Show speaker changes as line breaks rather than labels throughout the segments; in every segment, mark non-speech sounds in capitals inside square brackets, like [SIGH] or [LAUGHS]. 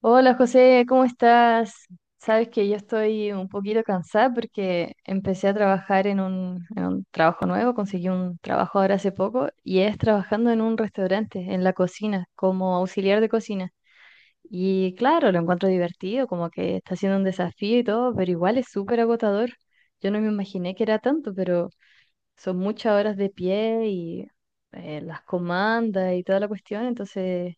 Hola José, ¿cómo estás? Sabes que yo estoy un poquito cansada porque empecé a trabajar en un trabajo nuevo, conseguí un trabajo ahora hace poco y es trabajando en un restaurante, en la cocina, como auxiliar de cocina. Y claro, lo encuentro divertido, como que está siendo un desafío y todo, pero igual es súper agotador. Yo no me imaginé que era tanto, pero son muchas horas de pie y las comandas y toda la cuestión, entonces.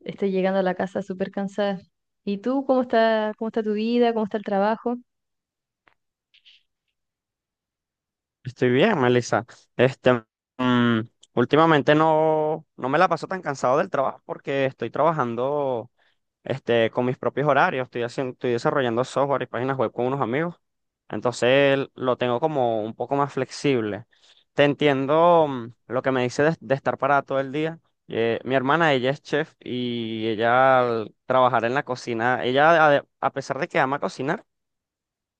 Estoy llegando a la casa súper cansada. ¿Y tú cómo está tu vida? ¿Cómo está el trabajo?
Estoy bien, Melissa. Este, mm, últimamente no me la paso tan cansado del trabajo porque estoy trabajando con mis propios horarios. Estoy desarrollando software y páginas web con unos amigos. Entonces lo tengo como un poco más flexible. Te entiendo lo que me dice de estar parada todo el día. Mi hermana, ella es chef y ella al trabajar en la cocina, ella a pesar de que ama cocinar,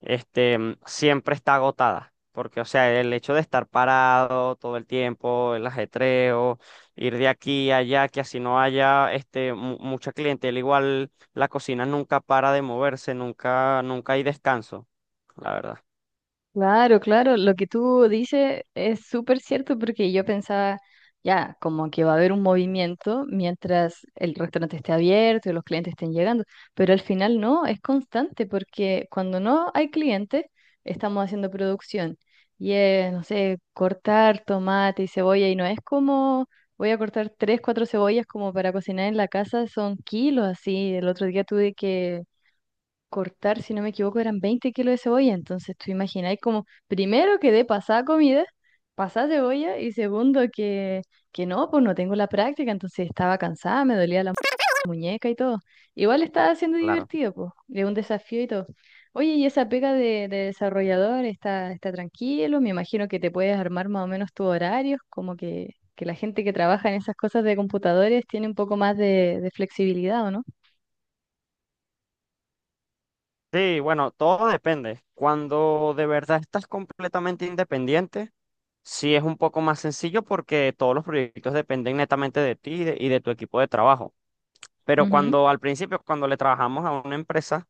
siempre está agotada. Porque, o sea, el hecho de estar parado todo el tiempo, el ajetreo, ir de aquí a allá, que así no haya mucha clientela, igual la cocina nunca para de moverse, nunca hay descanso, la verdad,
Claro, claro, lo que tú dices es súper cierto porque yo pensaba, ya, como que va a haber un movimiento mientras el restaurante esté abierto y los clientes estén llegando, pero al final no, es constante porque cuando no hay clientes, estamos haciendo producción y es, no sé, cortar tomate y cebolla y no es como voy a cortar tres, cuatro cebollas como para cocinar en la casa, son kilos así. El otro día tuve que cortar, si no me equivoco, eran 20 kilos de cebolla. Entonces, tú imagináis como, primero que de pasada comida, pasada cebolla, y segundo que, no, pues no tengo la práctica, entonces estaba cansada, me dolía la muñeca y todo. Igual estaba siendo
claro.
divertido, pues, de un desafío y todo. Oye, y esa pega de desarrollador está, tranquilo, me imagino que te puedes armar más o menos tus horarios, como que, la gente que trabaja en esas cosas de computadores tiene un poco más de flexibilidad, ¿o no?
Sí, bueno, todo depende. Cuando de verdad estás completamente independiente, sí es un poco más sencillo porque todos los proyectos dependen netamente de ti y de tu equipo de trabajo. Pero
Ujú.
cuando al principio, cuando le trabajamos a una empresa,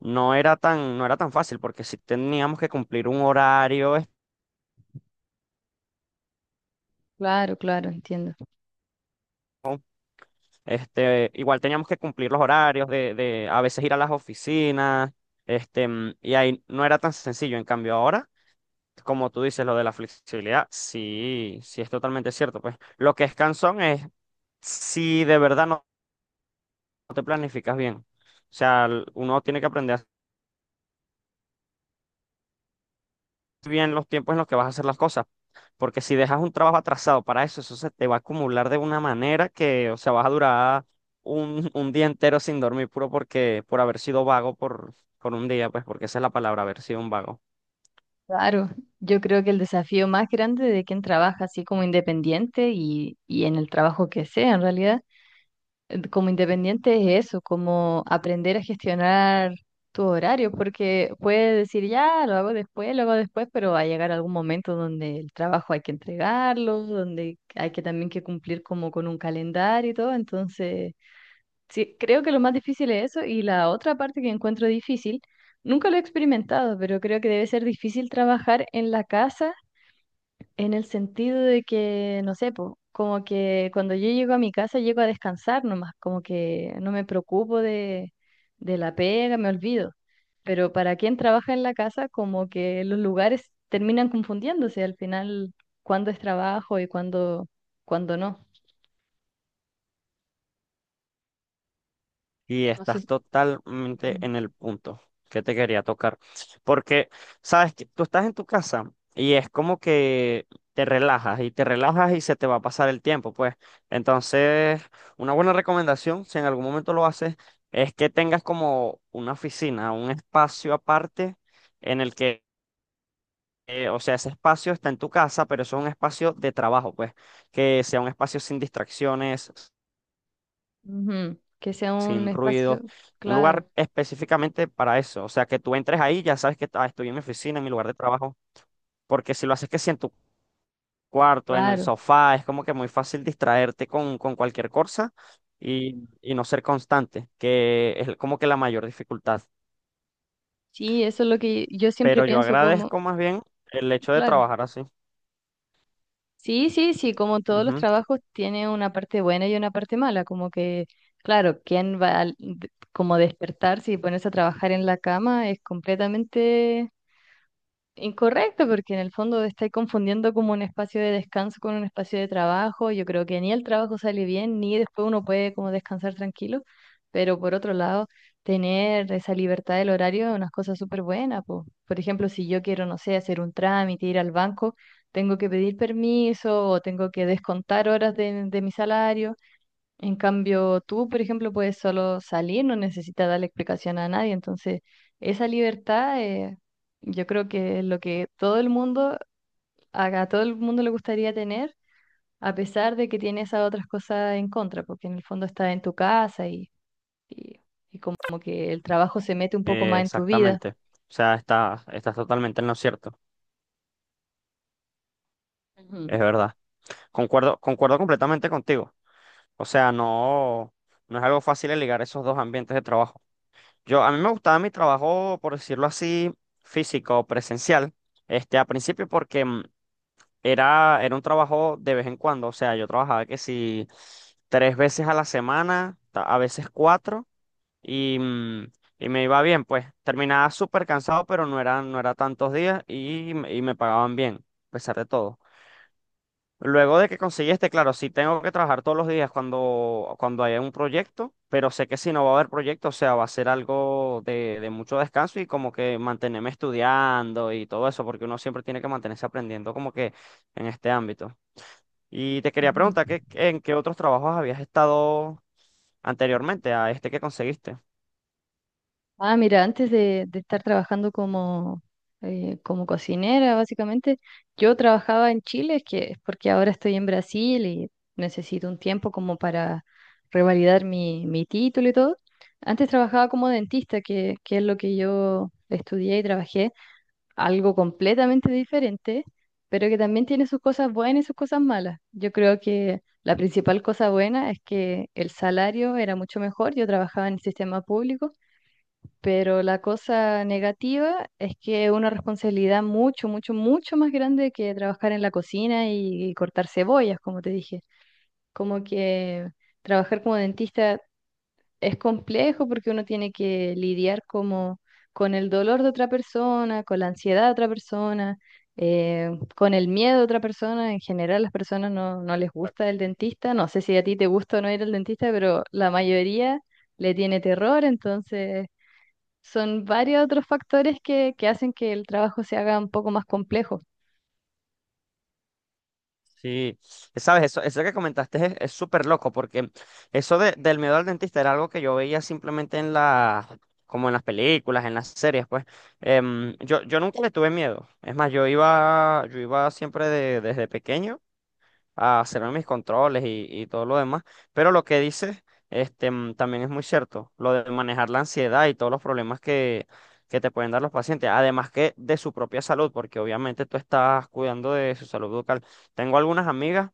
no era tan fácil porque si teníamos que cumplir un horario,
Claro, claro, entiendo.
igual teníamos que cumplir los horarios de a veces ir a las oficinas, y ahí no era tan sencillo. En cambio ahora, como tú dices, lo de la flexibilidad, sí es totalmente cierto. Pues lo que es cansón es si de verdad no te planificas bien. O sea, uno tiene que aprender bien los tiempos en los que vas a hacer las cosas. Porque si dejas un trabajo atrasado para eso, eso se te va a acumular de una manera que, o sea, vas a durar un día entero sin dormir, puro por haber sido vago por un día, pues porque esa es la palabra, haber sido un vago.
Claro, yo creo que el desafío más grande de quien trabaja así como independiente y en el trabajo que sea en realidad, como independiente es eso, como aprender a gestionar tu horario, porque puedes decir ya, lo hago después, pero va a llegar algún momento donde el trabajo hay que entregarlo, donde hay que también que cumplir como con un calendario y todo, entonces. Sí, creo que lo más difícil es eso y la otra parte que encuentro difícil, nunca lo he experimentado, pero creo que debe ser difícil trabajar en la casa en el sentido de que, no sé, po, como que cuando yo llego a mi casa llego a descansar nomás, como que no me preocupo de la pega, me olvido. Pero para quien trabaja en la casa, como que los lugares terminan confundiéndose al final, cuándo es trabajo y cuándo no.
Y
No sé.
estás
si-
totalmente en el punto que te quería tocar. Porque, sabes, que tú estás en tu casa y es como que te relajas y se te va a pasar el tiempo, pues. Entonces, una buena recomendación, si en algún momento lo haces, es que tengas como una oficina, un espacio aparte en el que, o sea, ese espacio está en tu casa, pero eso es un espacio de trabajo, pues. Que sea un espacio sin distracciones,
Ujú. Que sea un
sin ruido,
espacio,
un lugar
claro,
específicamente para eso. O sea, que tú entres ahí, ya sabes que "Ah, estoy en mi oficina, en mi lugar de trabajo", porque si lo haces que si en tu cuarto, en el
claro.
sofá, es como que muy fácil distraerte con cualquier cosa y no ser constante, que es como que la mayor dificultad.
Sí, eso es lo que yo siempre
Pero yo
pienso como,
agradezco más bien el hecho de
claro.
trabajar así.
Sí, sí, sí, como todos los
Ujú,
trabajos tiene una parte buena y una parte mala, como que, claro, quién va a, como despertarse y ponerse a trabajar en la cama es completamente incorrecto, porque en el fondo estáis confundiendo como un espacio de descanso con un espacio de trabajo. Yo creo que ni el trabajo sale bien, ni después uno puede como descansar tranquilo. Pero por otro lado, tener esa libertad del horario es una cosa súper buena, po. Por ejemplo, si yo quiero, no sé, hacer un trámite, ir al banco, tengo que pedir permiso o tengo que descontar horas de, mi salario. En cambio, tú, por ejemplo, puedes solo salir, no necesitas darle explicación a nadie. Entonces, esa libertad, yo creo que es lo que todo el mundo, a todo el mundo le gustaría tener, a pesar de que tiene esas otras cosas en contra, porque en el fondo estás en tu casa y, y, y como que el trabajo se mete un poco más en tu vida.
exactamente. O sea, estás totalmente en lo cierto. Es
Ujú.
verdad. Concuerdo completamente contigo. O sea, no es algo fácil el ligar esos dos ambientes de trabajo. Yo, a mí me gustaba mi trabajo, por decirlo así, físico, presencial, a principio porque era un trabajo de vez en cuando. O sea, yo trabajaba que si tres veces a la semana, a veces cuatro, y, y me iba bien, pues. Terminaba súper cansado, pero no era tantos días y me pagaban bien, a pesar de todo. Luego de que conseguí este, claro, sí tengo que trabajar todos los días cuando haya un proyecto, pero sé que si no va a haber proyecto, o sea, va a ser algo de mucho descanso y como que mantenerme estudiando y todo eso, porque uno siempre tiene que mantenerse aprendiendo como que en este ámbito. Y te quería
Ujú.
preguntar, ¿en qué otros trabajos habías estado anteriormente a este que conseguiste?
Ah, mira, antes de, estar trabajando como, como cocinera, básicamente, yo trabajaba en Chile, que es porque ahora estoy en Brasil y necesito un tiempo como para revalidar mi, título y todo. Antes trabajaba como dentista, que es lo que yo estudié y trabajé, algo completamente diferente, pero que también tiene sus cosas buenas y sus cosas malas. Yo creo que la principal cosa buena es que el salario era mucho mejor, yo trabajaba en el sistema público. Pero la cosa negativa es que es una responsabilidad mucho, mucho, mucho más grande que trabajar en la cocina y cortar cebollas, como te dije. Como que trabajar como dentista es complejo porque uno tiene que lidiar como con el dolor de otra persona, con la ansiedad de otra persona, eh, con el miedo de otra persona. En general, las personas no, no les gusta el dentista. No sé si a ti te gusta o no ir al dentista, pero la mayoría le tiene terror, entonces son varios otros factores que hacen que el trabajo se haga un poco más complejo.
Sí, sabes, eso que comentaste es súper loco, porque eso del miedo al dentista era algo que yo veía simplemente en las, como en las películas, en las series, pues. Yo nunca le tuve miedo. Es más, yo iba siempre desde pequeño a hacerme mis controles y todo lo demás. Pero lo que dices, también es muy cierto, lo de manejar la ansiedad y todos los problemas que te pueden dar los pacientes, además que de su propia salud, porque obviamente tú estás cuidando de su salud bucal. Tengo algunas amigas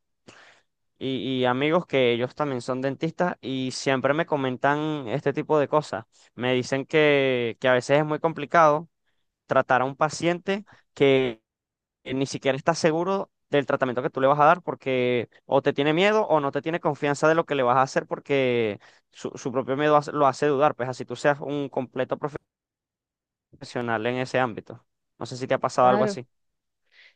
y amigos que ellos también son dentistas y siempre me comentan este tipo de cosas. Me dicen que a veces es muy complicado tratar a un paciente que ni siquiera está seguro del tratamiento que tú le vas a dar porque o te tiene miedo o no te tiene confianza de lo que le vas a hacer porque su propio miedo lo hace dudar, pues así tú seas un completo profesional en ese ámbito. No sé si te ha pasado algo
Claro.
así.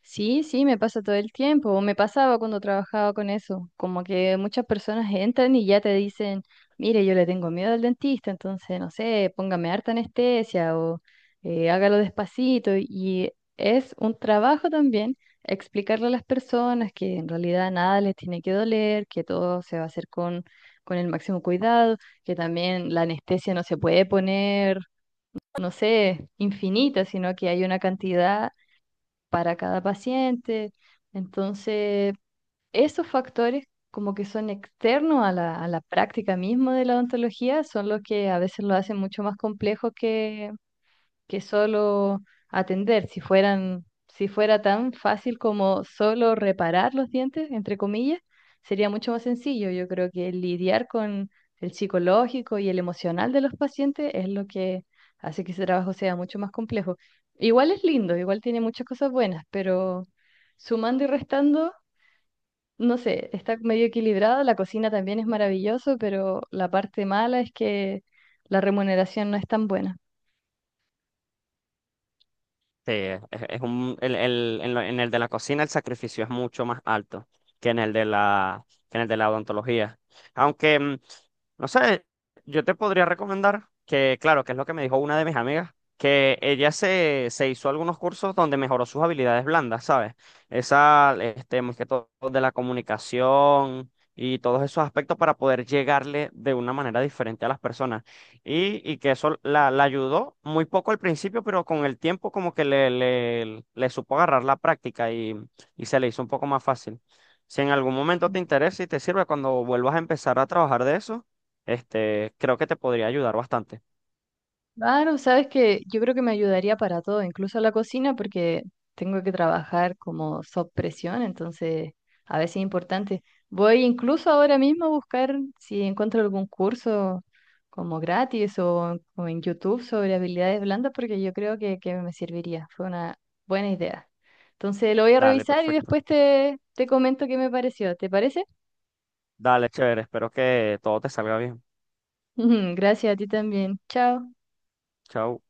Sí, sí, me pasa todo el tiempo, o me pasaba cuando trabajaba con eso, como que muchas personas entran y ya te dicen, mire, yo le tengo miedo al dentista, entonces, no sé, póngame harta anestesia o hágalo despacito. Y es un trabajo también explicarle a las personas que en realidad nada les tiene que doler, que todo se va a hacer con, el máximo cuidado, que también la anestesia no se puede poner, no sé, infinita, sino que hay una cantidad para cada paciente. Entonces, esos factores como que son externos a la práctica misma de la odontología son los que a veces lo hacen mucho más complejo que solo atender. Si fueran, si fuera tan fácil como solo reparar los dientes, entre comillas, sería mucho más sencillo. Yo creo que lidiar con el psicológico y el emocional de los pacientes es lo que hace que ese trabajo sea mucho más complejo. Igual es lindo, igual tiene muchas cosas buenas, pero sumando y restando, no sé, está medio equilibrado, la cocina también es maravilloso, pero la parte mala es que la remuneración no es tan buena.
Sí, en el de la cocina el sacrificio es mucho más alto que en el de que en el de la odontología. Aunque, no sé, yo te podría recomendar que, claro, que es lo que me dijo una de mis amigas, que ella se hizo algunos cursos donde mejoró sus habilidades blandas, ¿sabes? Esa, este, más que todo de la comunicación y todos esos aspectos para poder llegarle de una manera diferente a las personas. Y que eso la ayudó muy poco al principio, pero con el tiempo como que le supo agarrar la práctica y se le hizo un poco más fácil. Si en algún momento te interesa y te sirve cuando vuelvas a empezar a trabajar de eso, este, creo que te podría ayudar bastante.
Claro, sabes que yo creo que me ayudaría para todo, incluso la cocina, porque tengo que trabajar como sob presión, entonces a veces es importante. Voy incluso ahora mismo a buscar si encuentro algún curso como gratis o en YouTube sobre habilidades blandas, porque yo creo que, me serviría. Fue una buena idea. Entonces lo voy a
Dale,
revisar y
perfecto.
después te, comento qué me pareció. ¿Te parece?
Dale, chévere. Espero que todo te salga bien.
[LAUGHS] Gracias a ti también. Chao.
Chao.